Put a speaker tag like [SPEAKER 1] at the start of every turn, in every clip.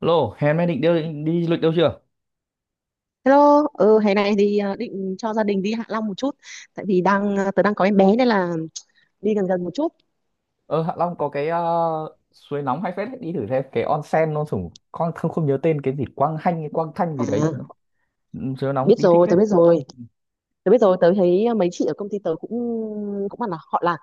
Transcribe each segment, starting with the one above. [SPEAKER 1] Lô, hè nay định đi, đi du lịch đâu chưa?
[SPEAKER 2] Hello, ừ, hè này thì định cho gia đình đi Hạ Long một chút. Tại vì tớ đang có em bé nên là đi gần gần một chút.
[SPEAKER 1] Ờ Hạ Long có cái suối nóng hay phết, đi thử xem cái onsen nó sủng con không, không nhớ tên cái gì, Quang Hanh hay Quang Thanh gì đấy.
[SPEAKER 2] À,
[SPEAKER 1] Nó Ừ, siêu nóng,
[SPEAKER 2] biết
[SPEAKER 1] đi thích
[SPEAKER 2] rồi,
[SPEAKER 1] phết.
[SPEAKER 2] tớ biết rồi. Tớ biết rồi, tớ thấy mấy chị ở công ty tớ cũng cũng bảo là họ là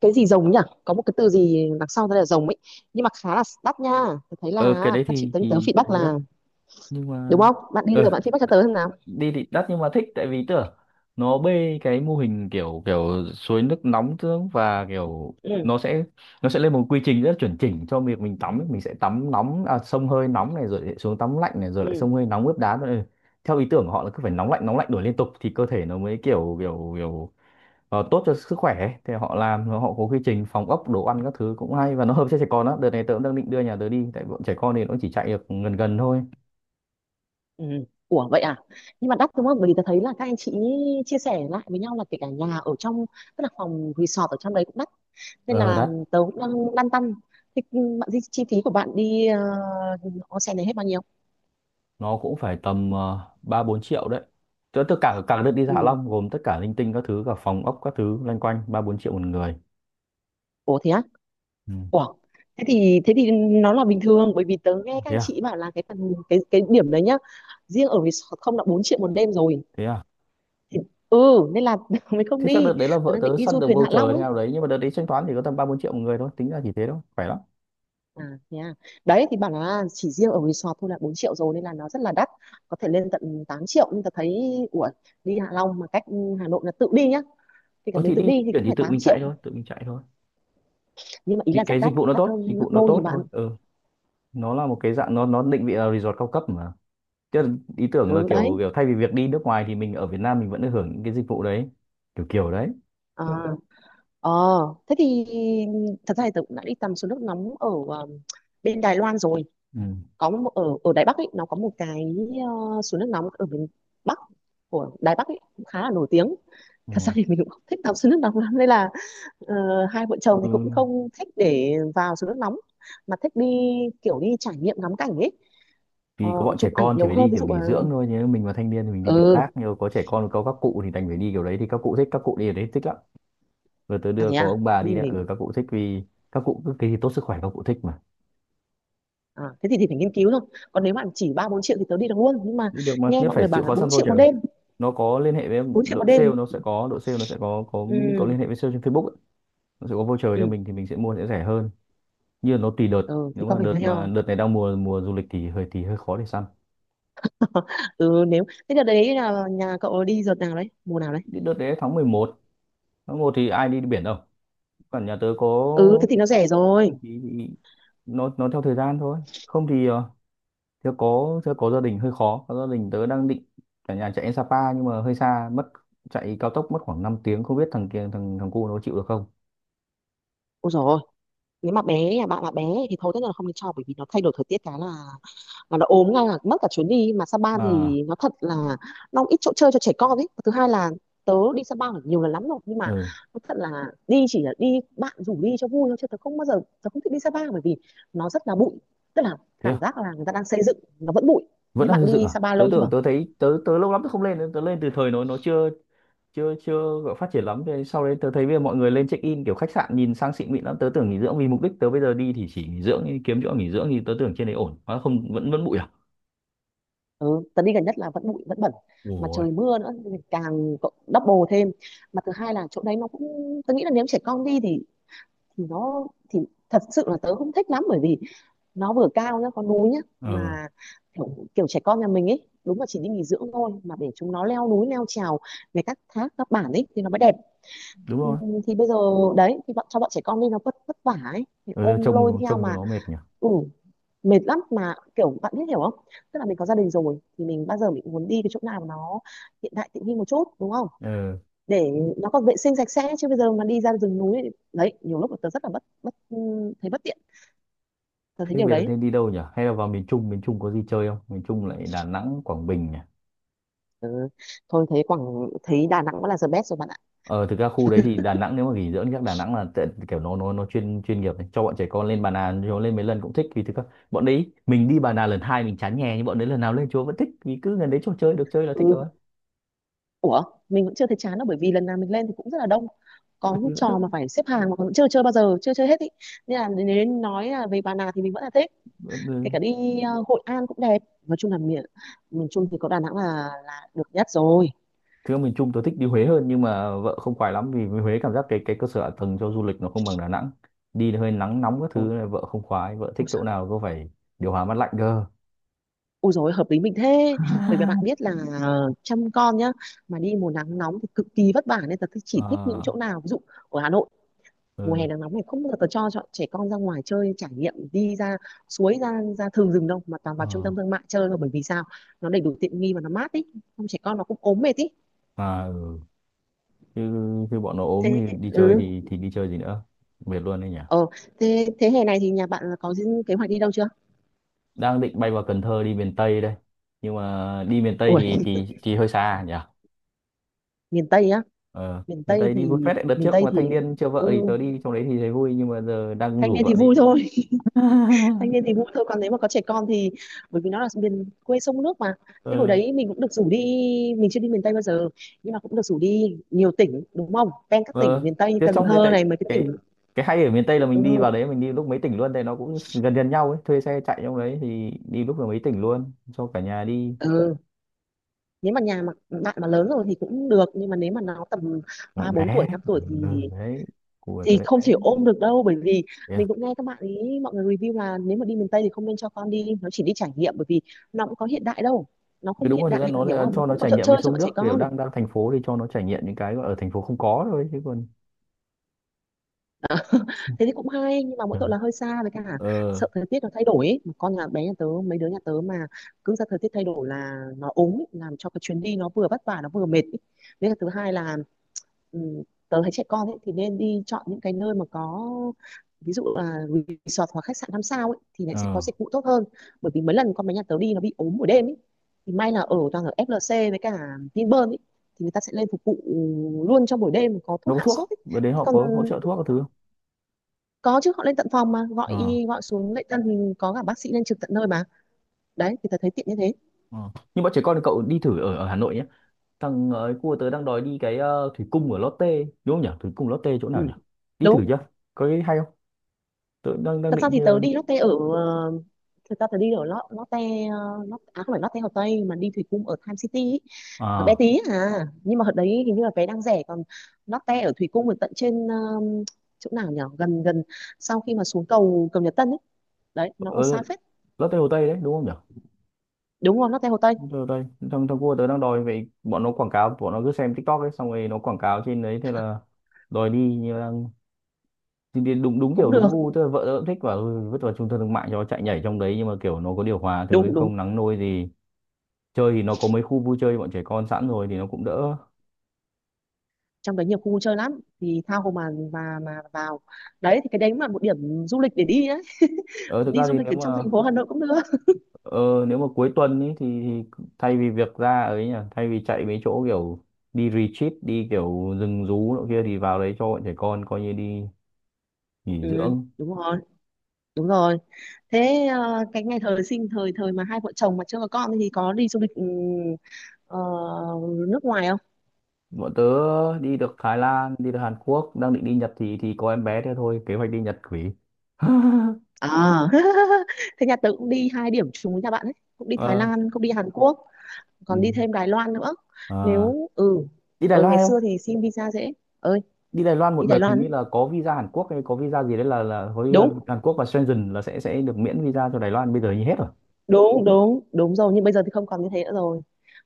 [SPEAKER 2] cái gì rồng nhỉ. Có một cái từ gì đằng sau tên là rồng ấy. Nhưng mà khá là đắt nha. Tớ thấy là
[SPEAKER 1] Ờ cái đấy
[SPEAKER 2] các chị
[SPEAKER 1] thì
[SPEAKER 2] tớ, tớ feedback
[SPEAKER 1] thế đất,
[SPEAKER 2] là.
[SPEAKER 1] nhưng mà
[SPEAKER 2] Đúng không? Bạn đi rồi
[SPEAKER 1] ờ,
[SPEAKER 2] bạn feedback cho tớ xem nào.
[SPEAKER 1] đi thì đắt nhưng mà thích tại vì tưởng nó bê cái mô hình kiểu kiểu suối nước nóng tương và kiểu
[SPEAKER 2] Ừ,
[SPEAKER 1] nó sẽ, lên một quy trình rất là chuẩn chỉnh cho việc mình tắm ấy. Mình sẽ tắm nóng à, xông hơi nóng này rồi lại xuống tắm lạnh này rồi lại xông
[SPEAKER 2] ừ.
[SPEAKER 1] hơi nóng ướp đá nữa. Ừ, theo ý tưởng của họ là cứ phải nóng lạnh đổi liên tục thì cơ thể nó mới kiểu kiểu kiểu tốt cho sức khỏe ấy. Thì họ làm, họ có quy trình phòng ốc đồ ăn các thứ cũng hay và nó hợp cho trẻ con đó. Đợt này tớ cũng đang định đưa nhà tớ đi tại bọn trẻ con thì nó chỉ chạy được gần gần thôi.
[SPEAKER 2] Ừ. Ủa vậy à? Nhưng mà đắt đúng không? Bởi vì tôi thấy là các anh chị chia sẻ lại với nhau là kể cả nhà ở trong, tức là phòng resort ở trong đấy cũng đắt. Nên
[SPEAKER 1] Ờ
[SPEAKER 2] là
[SPEAKER 1] đắt,
[SPEAKER 2] tớ cũng đang lăn tăn. Thì bạn chi phí của bạn đi onsen này hết bao nhiêu?
[SPEAKER 1] nó cũng phải tầm 3 4 triệu đấy. Tất tất cả cả đợt đi Hạ
[SPEAKER 2] Ừ.
[SPEAKER 1] Long gồm tất cả linh tinh các thứ cả phòng ốc các thứ loanh quanh 3 4 triệu một người.
[SPEAKER 2] Ủa thế á?
[SPEAKER 1] Ừ.
[SPEAKER 2] Ủa. Thế thì nó là bình thường, bởi vì tớ nghe các
[SPEAKER 1] Thế
[SPEAKER 2] anh
[SPEAKER 1] à?
[SPEAKER 2] chị bảo là cái phần cái điểm đấy nhá. Riêng ở resort không là 4 triệu một đêm rồi.
[SPEAKER 1] Thế à?
[SPEAKER 2] Thì, ừ, nên là mới không
[SPEAKER 1] Thế chắc đợt
[SPEAKER 2] đi.
[SPEAKER 1] đấy là
[SPEAKER 2] Tớ
[SPEAKER 1] vợ
[SPEAKER 2] đang
[SPEAKER 1] tớ
[SPEAKER 2] định đi
[SPEAKER 1] săn
[SPEAKER 2] du
[SPEAKER 1] được
[SPEAKER 2] thuyền Hạ
[SPEAKER 1] voucher
[SPEAKER 2] Long
[SPEAKER 1] thế
[SPEAKER 2] ấy.
[SPEAKER 1] nào đấy nhưng mà đợt đấy thanh toán thì có tầm 3 4 triệu một người thôi, tính ra chỉ thế thôi, khỏe lắm.
[SPEAKER 2] À, thế à. Đấy thì bảo là chỉ riêng ở resort thôi là 4 triệu rồi nên là nó rất là đắt, có thể lên tận 8 triệu, nhưng ta thấy ủa, đi Hạ Long mà cách Hà Nội là tự đi nhá, thì cả
[SPEAKER 1] Ờ
[SPEAKER 2] mình
[SPEAKER 1] thì
[SPEAKER 2] tự
[SPEAKER 1] đi
[SPEAKER 2] đi thì
[SPEAKER 1] chuyển
[SPEAKER 2] cũng
[SPEAKER 1] thì
[SPEAKER 2] phải
[SPEAKER 1] tự
[SPEAKER 2] 8
[SPEAKER 1] mình chạy
[SPEAKER 2] triệu,
[SPEAKER 1] thôi, tự mình chạy thôi.
[SPEAKER 2] nhưng mà ý
[SPEAKER 1] Vì
[SPEAKER 2] là rất
[SPEAKER 1] cái
[SPEAKER 2] đắt,
[SPEAKER 1] dịch vụ nó
[SPEAKER 2] đắt
[SPEAKER 1] tốt, dịch
[SPEAKER 2] hơn gấp
[SPEAKER 1] vụ nó
[SPEAKER 2] đôi nhà
[SPEAKER 1] tốt thôi
[SPEAKER 2] bạn.
[SPEAKER 1] Ừ, nó là một cái dạng, nó định vị là resort cao cấp mà. Tức ý tưởng là
[SPEAKER 2] Ừ đấy.
[SPEAKER 1] kiểu kiểu thay vì việc đi nước ngoài thì mình ở Việt Nam mình vẫn được hưởng những cái dịch vụ đấy, kiểu kiểu đấy.
[SPEAKER 2] À, ờ thế thì, thật ra thì tớ cũng đã đi tắm suối nước nóng ở bên Đài Loan rồi.
[SPEAKER 1] Ừ.
[SPEAKER 2] Có một, ở ở Đài Bắc ấy, nó có một cái suối nước nóng ở miền Bắc của Đài Bắc ấy, cũng khá là nổi tiếng.
[SPEAKER 1] Ừ.
[SPEAKER 2] Thật ra thì mình cũng không thích tắm suối nước nóng lắm nên là, Ờ, hai vợ chồng
[SPEAKER 1] Ừ.
[SPEAKER 2] thì cũng không thích để vào suối nước nóng, mà thích đi kiểu đi trải nghiệm ngắm cảnh ấy. ờ,
[SPEAKER 1] Vì có bọn trẻ
[SPEAKER 2] Chụp ảnh
[SPEAKER 1] con thì
[SPEAKER 2] nhiều
[SPEAKER 1] phải
[SPEAKER 2] hơn
[SPEAKER 1] đi
[SPEAKER 2] ví
[SPEAKER 1] kiểu
[SPEAKER 2] dụ là,
[SPEAKER 1] nghỉ dưỡng thôi, nếu mình mà thanh niên thì mình đi kiểu
[SPEAKER 2] ừ.
[SPEAKER 1] khác, nhưng có trẻ con có các cụ thì đành phải đi kiểu đấy. Thì các cụ thích, các cụ đi ở đấy thích lắm. Vừa tới
[SPEAKER 2] À
[SPEAKER 1] đưa
[SPEAKER 2] thế
[SPEAKER 1] có
[SPEAKER 2] à.
[SPEAKER 1] ông bà
[SPEAKER 2] Thế thì
[SPEAKER 1] đi nữa,
[SPEAKER 2] mình,
[SPEAKER 1] ở các cụ thích vì các cụ cứ cái gì tốt sức khỏe các cụ thích mà.
[SPEAKER 2] à, thì phải nghiên cứu thôi. Còn nếu mà chỉ ba bốn triệu thì tớ đi được luôn, nhưng mà
[SPEAKER 1] Đi được mà,
[SPEAKER 2] nghe
[SPEAKER 1] nhất
[SPEAKER 2] mọi
[SPEAKER 1] phải
[SPEAKER 2] người
[SPEAKER 1] chịu
[SPEAKER 2] bảo là
[SPEAKER 1] khó
[SPEAKER 2] bốn
[SPEAKER 1] săn
[SPEAKER 2] triệu
[SPEAKER 1] voucher.
[SPEAKER 2] một đêm,
[SPEAKER 1] Nó có liên hệ với em,
[SPEAKER 2] bốn triệu một
[SPEAKER 1] đội
[SPEAKER 2] đêm.
[SPEAKER 1] sale nó sẽ có, đội sale nó sẽ có có
[SPEAKER 2] Ừ,
[SPEAKER 1] liên hệ với sale trên Facebook ấy. Nó sẽ có voucher cho
[SPEAKER 2] ừ,
[SPEAKER 1] mình thì mình sẽ mua sẽ rẻ hơn, như là nó tùy đợt.
[SPEAKER 2] ừ, thế
[SPEAKER 1] Nếu
[SPEAKER 2] có
[SPEAKER 1] mà
[SPEAKER 2] phải hay không.
[SPEAKER 1] đợt này đang mùa mùa du lịch thì hơi, thì hơi khó để săn.
[SPEAKER 2] Ừ, nếu thế đợt đấy là nhà cậu đi đợt nào đấy, mùa nào đấy.
[SPEAKER 1] Đợt đấy tháng 11, tháng 1 thì ai đi, đi biển đâu. Còn nhà tớ có
[SPEAKER 2] Ừ, thế thì nó rẻ rồi.
[SPEAKER 1] thì nó, theo thời gian thôi. Không thì tớ có, gia đình hơi khó, có gia đình tớ đang định cả nhà chạy đến Sapa nhưng mà hơi xa mất. Chạy cao tốc mất khoảng 5 tiếng, không biết thằng kia, thằng thằng cu nó chịu được không.
[SPEAKER 2] Ôi rồi, nếu mà bé nhà bạn là bé thì thôi, tất nhiên là không được cho, bởi vì nó thay đổi thời tiết cái là mà nó ốm ngay là mất cả chuyến đi, mà Sapa
[SPEAKER 1] À.
[SPEAKER 2] thì nó thật là, nó cũng ít chỗ chơi cho trẻ con ấy. Thứ hai là tớ đi Sapa phải nhiều lần lắm rồi, nhưng mà
[SPEAKER 1] Ừ.
[SPEAKER 2] nó thật là, đi chỉ là đi bạn rủ đi cho vui thôi, chứ tớ không bao giờ, tớ không thích đi Sapa bởi vì nó rất là bụi, tức là
[SPEAKER 1] Thế
[SPEAKER 2] cảm
[SPEAKER 1] à?
[SPEAKER 2] giác là người ta đang xây dựng nó vẫn bụi.
[SPEAKER 1] Vẫn
[SPEAKER 2] Thế
[SPEAKER 1] đang
[SPEAKER 2] bạn
[SPEAKER 1] xây dựng
[SPEAKER 2] đi
[SPEAKER 1] à?
[SPEAKER 2] Sapa
[SPEAKER 1] Tớ
[SPEAKER 2] lâu
[SPEAKER 1] tưởng,
[SPEAKER 2] chưa?
[SPEAKER 1] tớ thấy, tớ tớ lâu lắm tớ không lên, tớ lên từ thời nó chưa, chưa gọi phát triển lắm. Thế sau đấy tớ thấy bây giờ mọi người lên check in kiểu khách sạn nhìn sang xịn mịn lắm, tớ tưởng nghỉ dưỡng. Vì mục đích tớ bây giờ đi thì chỉ nghỉ dưỡng, kiếm chỗ nghỉ dưỡng thì tớ tưởng trên đấy ổn, hóa không, vẫn vẫn bụi à.
[SPEAKER 2] Ừ, tớ đi gần nhất là vẫn bụi vẫn bẩn, mà
[SPEAKER 1] Ủa.
[SPEAKER 2] trời mưa nữa thì càng double thêm. Mà thứ hai là chỗ đấy nó cũng, tớ nghĩ là nếu trẻ con đi thì nó thì thật sự là tớ không thích lắm, bởi vì nó vừa cao nhá, có núi nhá,
[SPEAKER 1] Ờ.
[SPEAKER 2] mà kiểu, kiểu trẻ con nhà mình ấy đúng là chỉ đi nghỉ dưỡng thôi, mà để chúng nó leo núi leo trèo này, các thác các bản ấy thì nó mới đẹp.
[SPEAKER 1] Đúng
[SPEAKER 2] Ừ,
[SPEAKER 1] rồi.
[SPEAKER 2] thì bây giờ đấy, thì cho bọn trẻ con đi nó vất vất vả ấy, thì
[SPEAKER 1] Ừ, nếu
[SPEAKER 2] ôm lôi
[SPEAKER 1] trông,
[SPEAKER 2] theo
[SPEAKER 1] cho
[SPEAKER 2] mà,
[SPEAKER 1] nó mệt nhỉ.
[SPEAKER 2] ừ, mệt lắm. Mà kiểu bạn biết hiểu không, tức là mình có gia đình rồi thì mình bao giờ mình cũng muốn đi cái chỗ nào mà nó hiện đại tiện nghi một chút, đúng không,
[SPEAKER 1] Ừ.
[SPEAKER 2] để nó còn vệ sinh sạch sẽ. Chứ bây giờ mà đi ra rừng núi đấy, nhiều lúc tớ rất là bất bất thấy bất tiện, tớ thấy
[SPEAKER 1] Thế
[SPEAKER 2] điều
[SPEAKER 1] bây giờ
[SPEAKER 2] đấy.
[SPEAKER 1] nên đi đâu nhỉ? Hay là vào miền Trung? Miền Trung có gì chơi không? Miền Trung lại Đà Nẵng, Quảng Bình nhỉ.
[SPEAKER 2] Ừ. Thôi thấy Quảng thấy Đà Nẵng vẫn là the best rồi bạn ạ.
[SPEAKER 1] Ờ thực ra khu đấy thì Đà Nẵng, nếu mà nghỉ dưỡng chắc Đà Nẵng là tệ- kiểu nó nó chuyên, nghiệp đấy. Cho bọn trẻ con lên Bà Nà, nó lên mấy lần cũng thích vì thực ra bọn đấy, mình đi Bà Nà lần 2 mình chán nhè nhưng bọn đấy lần nào lên chúa vẫn thích vì cứ gần đấy chỗ chơi được chơi là thích
[SPEAKER 2] Ừ.
[SPEAKER 1] rồi.
[SPEAKER 2] Ủa, mình vẫn chưa thấy chán đâu, bởi vì lần nào mình lên thì cũng rất là đông. Có những trò mà phải xếp hàng mà vẫn chưa chơi bao giờ, chưa chơi hết ý. Nên là nếu nói là về Bà Nà thì mình vẫn là thích.
[SPEAKER 1] Vẫn
[SPEAKER 2] Kể cả
[SPEAKER 1] thích.
[SPEAKER 2] đi Hội An cũng đẹp. Nói chung là miền miền Trung thì có Đà Nẵng là được nhất rồi.
[SPEAKER 1] Thực ra miền Trung tôi thích đi Huế hơn nhưng mà vợ không khoái lắm vì Huế cảm giác cái cơ sở hạ tầng cho du lịch nó không bằng Đà Nẵng. Đi hơi nắng nóng các thứ
[SPEAKER 2] Ủa,
[SPEAKER 1] này vợ không khoái, vợ thích
[SPEAKER 2] ôi
[SPEAKER 1] chỗ
[SPEAKER 2] giời,
[SPEAKER 1] nào có phải điều hòa mát lạnh cơ.
[SPEAKER 2] ôi giời, hợp lý mình thế. Bởi vì bạn biết là, chăm con nhá, mà đi mùa nắng nóng thì cực kỳ vất vả, nên là tôi chỉ thích những chỗ
[SPEAKER 1] À,
[SPEAKER 2] nào ví dụ ở Hà Nội, mùa hè
[SPEAKER 1] ừ,
[SPEAKER 2] nắng nóng này không bao giờ tớ cho trẻ con ra ngoài chơi trải nghiệm, đi ra suối ra ra thường rừng đâu, mà toàn
[SPEAKER 1] ừ,
[SPEAKER 2] vào trung tâm thương mại chơi thôi, bởi vì sao, nó đầy đủ tiện nghi và nó mát ý, không trẻ con nó cũng ốm mệt ý.
[SPEAKER 1] à, ừ. Chứ, bọn nó ốm
[SPEAKER 2] Thế.
[SPEAKER 1] thì đi chơi
[SPEAKER 2] Ừ.
[SPEAKER 1] thì đi chơi gì nữa. Mệt luôn đấy nhỉ.
[SPEAKER 2] ờ thế thế hè này thì nhà bạn có những kế hoạch đi đâu chưa?
[SPEAKER 1] Đang định bay vào Cần Thơ đi miền Tây đây. Nhưng mà đi miền Tây
[SPEAKER 2] Ủa,
[SPEAKER 1] thì hơi xa nhỉ.
[SPEAKER 2] miền Tây á?
[SPEAKER 1] Ờ,
[SPEAKER 2] miền
[SPEAKER 1] miền
[SPEAKER 2] Tây
[SPEAKER 1] Tây đi
[SPEAKER 2] thì
[SPEAKER 1] vui phết đấy. Đợt
[SPEAKER 2] miền
[SPEAKER 1] trước
[SPEAKER 2] Tây
[SPEAKER 1] mà Thanh
[SPEAKER 2] thì
[SPEAKER 1] Niên chưa vợ thì
[SPEAKER 2] ừ,
[SPEAKER 1] tớ đi trong đấy thì thấy vui nhưng mà giờ đang
[SPEAKER 2] thanh
[SPEAKER 1] rủ
[SPEAKER 2] niên thì
[SPEAKER 1] vợ
[SPEAKER 2] vui
[SPEAKER 1] đi.
[SPEAKER 2] thôi. Thanh niên thì vui thôi, còn nếu mà có trẻ con thì, bởi vì nó là miền quê sông nước mà. Thế hồi
[SPEAKER 1] Ờ.
[SPEAKER 2] đấy mình cũng được rủ đi, mình chưa đi miền Tây bao giờ, nhưng mà cũng được rủ đi nhiều tỉnh, đúng không, ven các tỉnh
[SPEAKER 1] Ờ
[SPEAKER 2] miền Tây như
[SPEAKER 1] thế
[SPEAKER 2] Cần
[SPEAKER 1] trong đấy
[SPEAKER 2] Thơ
[SPEAKER 1] tại
[SPEAKER 2] này, mấy cái
[SPEAKER 1] cái,
[SPEAKER 2] tỉnh,
[SPEAKER 1] hay ở miền Tây là mình đi vào
[SPEAKER 2] ừ,
[SPEAKER 1] đấy mình đi lúc mấy tỉnh luôn tại nó cũng gần gần nhau ấy, thuê xe chạy trong đấy thì đi lúc là mấy tỉnh luôn cho cả nhà đi.
[SPEAKER 2] ừ. Nếu mà nhà mà bạn mà lớn rồi thì cũng được, nhưng mà nếu mà nó tầm
[SPEAKER 1] Gọi
[SPEAKER 2] ba bốn
[SPEAKER 1] bé.
[SPEAKER 2] tuổi năm
[SPEAKER 1] Ừ,
[SPEAKER 2] tuổi thì
[SPEAKER 1] đấy, của
[SPEAKER 2] thì
[SPEAKER 1] tới
[SPEAKER 2] không
[SPEAKER 1] bé.
[SPEAKER 2] thể ôm được đâu, bởi vì
[SPEAKER 1] Yeah.
[SPEAKER 2] mình cũng nghe các bạn ý, mọi người review là nếu mà đi miền Tây thì không nên cho con đi, nó chỉ đi trải nghiệm, bởi vì nó cũng có hiện đại đâu, nó không
[SPEAKER 1] Đúng
[SPEAKER 2] hiện
[SPEAKER 1] rồi, thực
[SPEAKER 2] đại,
[SPEAKER 1] ra nó
[SPEAKER 2] bạn hiểu
[SPEAKER 1] là
[SPEAKER 2] không, nó
[SPEAKER 1] cho nó
[SPEAKER 2] không có
[SPEAKER 1] trải
[SPEAKER 2] chỗ
[SPEAKER 1] nghiệm
[SPEAKER 2] chơi
[SPEAKER 1] với
[SPEAKER 2] cho
[SPEAKER 1] sông
[SPEAKER 2] bọn
[SPEAKER 1] nước,
[SPEAKER 2] trẻ
[SPEAKER 1] kiểu
[SPEAKER 2] con.
[SPEAKER 1] đang đang thành phố thì cho nó trải nghiệm những cái ở thành phố không có thôi chứ còn.
[SPEAKER 2] Thế thì cũng hay, nhưng mà mỗi tội là hơi xa, với cả sợ
[SPEAKER 1] Ờ.
[SPEAKER 2] thời tiết nó thay đổi ấy. Mà con nhà bé nhà tớ, mấy đứa nhà tớ mà cứ ra thời tiết thay đổi là nó ốm ấy, làm cho cái chuyến đi nó vừa vất vả nó vừa mệt ấy. Với cả thứ hai là, ừm, tớ thấy trẻ con ấy thì nên đi chọn những cái nơi mà có, ví dụ là resort hoặc khách sạn năm sao ấy, thì lại sẽ có
[SPEAKER 1] Ờ
[SPEAKER 2] dịch vụ tốt hơn, bởi vì mấy lần con bé nhà tớ đi nó bị ốm buổi đêm ấy, thì may là ở toàn ở FLC với cả Vinpearl ấy, thì người ta sẽ lên phục vụ luôn trong buổi đêm, có
[SPEAKER 1] nó
[SPEAKER 2] thuốc
[SPEAKER 1] có
[SPEAKER 2] hạ sốt
[SPEAKER 1] thuốc,
[SPEAKER 2] ấy.
[SPEAKER 1] bữa đấy
[SPEAKER 2] Thế
[SPEAKER 1] họ
[SPEAKER 2] còn
[SPEAKER 1] có hỗ trợ thuốc các thứ không?
[SPEAKER 2] có chứ, họ lên tận phòng, mà gọi
[SPEAKER 1] Ờ.
[SPEAKER 2] y gọi xuống lễ tân thì có cả bác sĩ lên trực tận nơi mà, đấy thì tớ thấy tiện như thế.
[SPEAKER 1] Ờ nhưng bọn trẻ con, cậu đi thử ở ở Hà Nội nhé. Thằng ấy cua tớ đang đòi đi cái thủy cung ở Lotte ấy. Đúng không nhỉ? Thủy cung Lotte chỗ nào
[SPEAKER 2] Ừ.
[SPEAKER 1] nhỉ? Đi thử
[SPEAKER 2] Đúng,
[SPEAKER 1] chưa? Có cái hay không? Tớ cũng đang đang
[SPEAKER 2] thật ra
[SPEAKER 1] định
[SPEAKER 2] thì
[SPEAKER 1] chưa
[SPEAKER 2] tớ
[SPEAKER 1] đi.
[SPEAKER 2] đi Lotte ở ờ, thật ra tớ đi ở Lotte, à không phải Lotte Hồ Tây, mà đi Thủy Cung ở Time City ý. Nó bé
[SPEAKER 1] À,
[SPEAKER 2] tí à, nhưng mà ở đấy hình như là vé đang rẻ. Còn Lotte ở Thủy Cung ở tận trên chỗ nào nhỉ, gần gần sau khi mà xuống cầu cầu Nhật Tân ấy, đấy nó còn xa
[SPEAKER 1] ở
[SPEAKER 2] phết.
[SPEAKER 1] Lotte Hồ Tây đấy đúng không nhỉ?
[SPEAKER 2] Đúng rồi, Lotte Hồ Tây.
[SPEAKER 1] Lotte Hồ Tây. Thằng thằng cua tớ đang đòi vậy, bọn nó quảng cáo, bọn nó cứ xem TikTok ấy xong rồi nó quảng cáo trên đấy, thế là đòi đi. Nhưng mà đang đi đúng đúng kiểu
[SPEAKER 2] Cũng được.
[SPEAKER 1] đúng gu, tức là vợ tớ cũng thích, và vứt vào trung tâm thương mại cho nó chạy nhảy trong đấy nhưng mà kiểu nó có điều hòa thứ ấy,
[SPEAKER 2] Đúng đúng,
[SPEAKER 1] không nắng nôi gì. Chơi thì nó có mấy khu vui chơi bọn trẻ con sẵn rồi thì nó cũng đỡ.
[SPEAKER 2] trong đấy nhiều khu vui chơi lắm thì tha hồ mà vào đấy, thì cái đấy cũng là một điểm du lịch để đi đấy,
[SPEAKER 1] Ờ thực
[SPEAKER 2] đi
[SPEAKER 1] ra
[SPEAKER 2] du
[SPEAKER 1] thì
[SPEAKER 2] lịch
[SPEAKER 1] nếu
[SPEAKER 2] ở trong
[SPEAKER 1] mà,
[SPEAKER 2] thành phố Hà Nội cũng được.
[SPEAKER 1] ờ, nếu mà cuối tuần ý, thì, thay vì việc ra ấy nhỉ, thay vì chạy mấy chỗ kiểu đi retreat, đi kiểu rừng rú nọ kia thì vào đấy cho bọn trẻ con coi như đi nghỉ
[SPEAKER 2] Ừ,
[SPEAKER 1] dưỡng.
[SPEAKER 2] đúng rồi đúng rồi. Thế cái ngày thời sinh thời thời mà hai vợ chồng mà chưa có con thì có đi du lịch, ừ, ờ, nước ngoài không?
[SPEAKER 1] Bọn tớ đi được Thái Lan, đi được Hàn Quốc, đang định đi Nhật thì có em bé thế thôi, kế hoạch đi Nhật quỷ.
[SPEAKER 2] À, thế nhà tớ cũng đi hai điểm trùng với nhà bạn ấy, cũng đi Thái
[SPEAKER 1] Ờ,
[SPEAKER 2] Lan, cũng đi Hàn Quốc,
[SPEAKER 1] ừ,
[SPEAKER 2] còn đi thêm Đài Loan nữa.
[SPEAKER 1] ờ.
[SPEAKER 2] Nếu ừ,
[SPEAKER 1] Đi Đài
[SPEAKER 2] ừ ngày
[SPEAKER 1] Loan không?
[SPEAKER 2] xưa thì xin visa dễ ơi
[SPEAKER 1] Đi Đài Loan một
[SPEAKER 2] đi
[SPEAKER 1] đợt
[SPEAKER 2] Đài
[SPEAKER 1] hình
[SPEAKER 2] Loan
[SPEAKER 1] như
[SPEAKER 2] ấy.
[SPEAKER 1] là có visa Hàn Quốc hay có visa gì đấy là với
[SPEAKER 2] Đúng
[SPEAKER 1] Hàn Quốc và Schengen là sẽ được miễn visa cho Đài Loan, bây giờ như hết rồi.
[SPEAKER 2] đúng đúng, đúng rồi, nhưng bây giờ thì không còn như thế nữa rồi,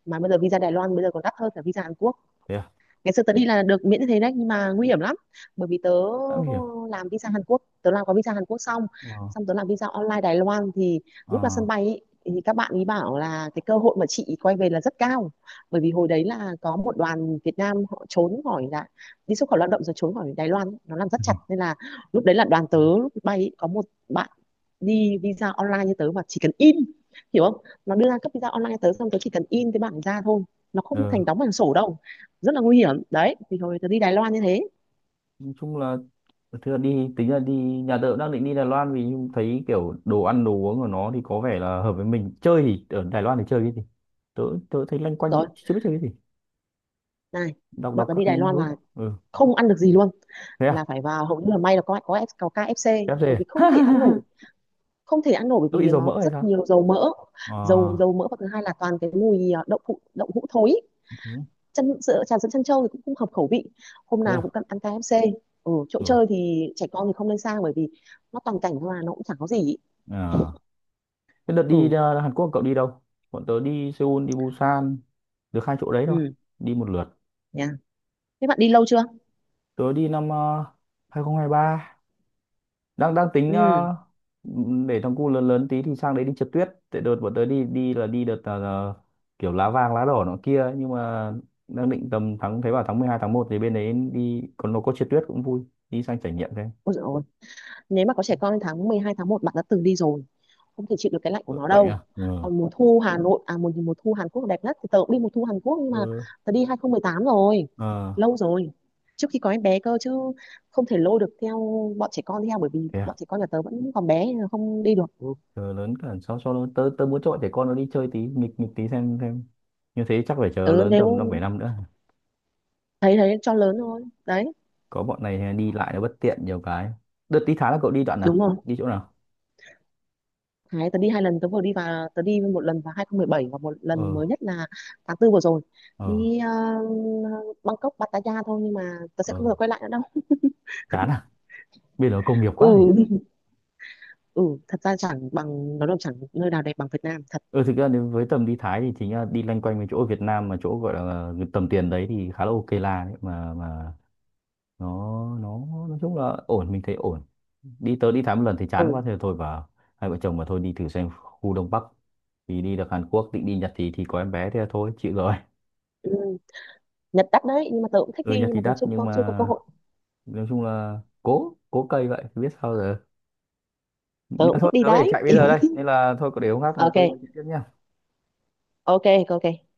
[SPEAKER 2] mà bây giờ visa Đài Loan bây giờ còn đắt hơn cả visa Hàn Quốc.
[SPEAKER 1] Thế à?
[SPEAKER 2] Ngày xưa tớ đi là được miễn như thế đấy, nhưng mà nguy hiểm lắm, bởi vì tớ
[SPEAKER 1] Đã hiểu.
[SPEAKER 2] làm visa Hàn Quốc, tớ làm có visa Hàn Quốc xong,
[SPEAKER 1] Ờ,
[SPEAKER 2] tớ làm visa online Đài Loan, thì lúc ra sân bay ý, thì các bạn ý bảo là cái cơ hội mà chị quay về là rất cao, bởi vì hồi đấy là có một đoàn Việt Nam họ trốn khỏi, là đi xuất khẩu lao động rồi trốn khỏi Đài Loan, nó làm rất chặt nên là lúc đấy là đoàn tớ
[SPEAKER 1] ờ.
[SPEAKER 2] lúc bay ý, có một bạn đi visa online như tớ, mà chỉ cần in, hiểu không, nó đưa ra cấp visa online tớ xong, tớ chỉ cần in cái bảng ra thôi, nó không
[SPEAKER 1] Ờ,
[SPEAKER 2] thành đóng bằng sổ đâu, rất là nguy hiểm đấy. Thì hồi tớ đi Đài Loan như thế.
[SPEAKER 1] nói chung là thực ra đi tính là đi, nhà tớ cũng đang định đi Đài Loan vì thấy kiểu đồ ăn đồ uống của nó thì có vẻ là hợp với mình. Chơi thì ở Đài Loan thì chơi cái gì? Tớ Tớ thấy loanh quanh
[SPEAKER 2] Rồi
[SPEAKER 1] chưa biết chơi cái gì,
[SPEAKER 2] này,
[SPEAKER 1] đọc
[SPEAKER 2] bạn
[SPEAKER 1] đọc
[SPEAKER 2] tớ
[SPEAKER 1] các
[SPEAKER 2] đi
[SPEAKER 1] cái
[SPEAKER 2] Đài Loan
[SPEAKER 1] nước.
[SPEAKER 2] là
[SPEAKER 1] Ừ
[SPEAKER 2] không ăn được gì luôn,
[SPEAKER 1] thế à.
[SPEAKER 2] là phải vào hầu như là, may là có KFC,
[SPEAKER 1] KFC.
[SPEAKER 2] bởi vì không thể ăn nổi, không thể ăn nổi, bởi
[SPEAKER 1] Tớ
[SPEAKER 2] vì
[SPEAKER 1] bị dầu
[SPEAKER 2] nó
[SPEAKER 1] mỡ hay
[SPEAKER 2] rất
[SPEAKER 1] sao.
[SPEAKER 2] nhiều dầu mỡ.
[SPEAKER 1] Ờ.
[SPEAKER 2] Dầu dầu mỡ, và thứ hai là toàn cái mùi à, đậu phụ đậu hũ thối,
[SPEAKER 1] Thế
[SPEAKER 2] chân sữa trà sữa chân trâu thì cũng không hợp khẩu vị, hôm
[SPEAKER 1] thế
[SPEAKER 2] nào
[SPEAKER 1] à.
[SPEAKER 2] cũng cần ăn KFC. Ừ, chỗ
[SPEAKER 1] Ừ.
[SPEAKER 2] chơi thì trẻ con thì không nên sang, bởi vì nó toàn cảnh thôi, mà nó cũng chẳng có gì ý.
[SPEAKER 1] À. Thế đợt đi
[SPEAKER 2] Ừ,
[SPEAKER 1] Hàn Quốc cậu đi đâu? Bọn tớ đi Seoul đi Busan, được hai chỗ đấy thôi,
[SPEAKER 2] ừ,
[SPEAKER 1] đi một lượt.
[SPEAKER 2] nha. Thế bạn đi lâu chưa?
[SPEAKER 1] Tớ đi năm 2023. Đang đang tính
[SPEAKER 2] Ừ,
[SPEAKER 1] để thằng cu lớn lớn tí thì sang đấy đi trượt tuyết, tại đợt bọn tớ đi, đi là đi đợt là kiểu lá vàng lá đỏ nó kia ấy. Nhưng mà đang định tầm tháng, thấy bảo tháng 12 tháng 1 thì bên đấy đi còn nó có trượt tuyết cũng vui. Đi sang trải nghiệm xem.
[SPEAKER 2] ôi dồi ôi. Nếu mà có trẻ con thì tháng 12 tháng một, bạn đã từng đi rồi, không thể chịu được cái lạnh của
[SPEAKER 1] Ừ,
[SPEAKER 2] nó
[SPEAKER 1] lạnh
[SPEAKER 2] đâu.
[SPEAKER 1] à, ừ.
[SPEAKER 2] Còn mùa thu Hà Nội, à, mùa mùa thu Hàn Quốc đẹp nhất, thì tớ cũng đi mùa thu Hàn Quốc, nhưng mà
[SPEAKER 1] Ừ.
[SPEAKER 2] tớ đi 2018 rồi,
[SPEAKER 1] Ờ
[SPEAKER 2] lâu rồi, trước khi có em bé cơ, chứ không thể lôi được theo bọn trẻ con theo, bởi vì
[SPEAKER 1] thế à.
[SPEAKER 2] bọn trẻ con nhà tớ vẫn còn bé nên là không đi được.
[SPEAKER 1] Ờ, lớn cả, sau sau đó tớ tớ muốn cho bọn trẻ con nó đi chơi tí, nghịch nghịch tí xem như thế, chắc phải chờ
[SPEAKER 2] Ừ,
[SPEAKER 1] lớn tầm năm
[SPEAKER 2] nếu
[SPEAKER 1] bảy năm nữa.
[SPEAKER 2] thấy thấy cho lớn thôi đấy.
[SPEAKER 1] Có bọn này đi lại nó bất tiện nhiều cái. Đợt tí Thái là cậu đi đoạn
[SPEAKER 2] Đúng
[SPEAKER 1] nào,
[SPEAKER 2] rồi.
[SPEAKER 1] đi chỗ nào?
[SPEAKER 2] Đấy, tớ đi hai lần tớ vừa đi, và tớ đi một lần vào 2017 và một lần
[SPEAKER 1] Ờ.
[SPEAKER 2] mới nhất là tháng tư vừa rồi,
[SPEAKER 1] Ờ.
[SPEAKER 2] đi Bangkok Pattaya thôi, nhưng mà tớ sẽ
[SPEAKER 1] Ờ
[SPEAKER 2] không bao giờ quay lại nữa đâu.
[SPEAKER 1] chán à? Bên đó công nghiệp quá
[SPEAKER 2] Ừ,
[SPEAKER 1] nhỉ.
[SPEAKER 2] ừ, thật ra chẳng bằng nó đâu, chẳng nơi nào đẹp bằng Việt Nam thật.
[SPEAKER 1] Ừ thực ra nếu với tầm đi Thái thì chính là đi loanh quanh với chỗ Việt Nam mà chỗ gọi là tầm tiền đấy thì khá là ok là đấy. Mà nó, nói chung là ổn, mình thấy ổn. Đi, tớ đi Thái một lần thì chán quá
[SPEAKER 2] Ừ,
[SPEAKER 1] thì thôi, và hai vợ chồng mà thôi đi thử xem khu Đông Bắc thì đi được Hàn Quốc, định đi Nhật thì có em bé thì thôi chịu rồi.
[SPEAKER 2] ừ. Nhật đắt đấy, nhưng mà tớ cũng thích
[SPEAKER 1] Ừ
[SPEAKER 2] đi,
[SPEAKER 1] Nhật
[SPEAKER 2] nhưng
[SPEAKER 1] thì
[SPEAKER 2] mà tớ
[SPEAKER 1] đắt
[SPEAKER 2] chưa
[SPEAKER 1] nhưng
[SPEAKER 2] có chưa có
[SPEAKER 1] mà
[SPEAKER 2] cơ hội.
[SPEAKER 1] nói chung là cố cố cây vậy biết sao giờ
[SPEAKER 2] Tớ
[SPEAKER 1] nữa.
[SPEAKER 2] cũng
[SPEAKER 1] Thôi
[SPEAKER 2] thích đi
[SPEAKER 1] tớ phải
[SPEAKER 2] đấy.
[SPEAKER 1] chạy bây giờ đây nên là thôi, có để hôm khác có gì nói
[SPEAKER 2] Ok,
[SPEAKER 1] chuyện tiếp nhá.
[SPEAKER 2] ok, ok, ok.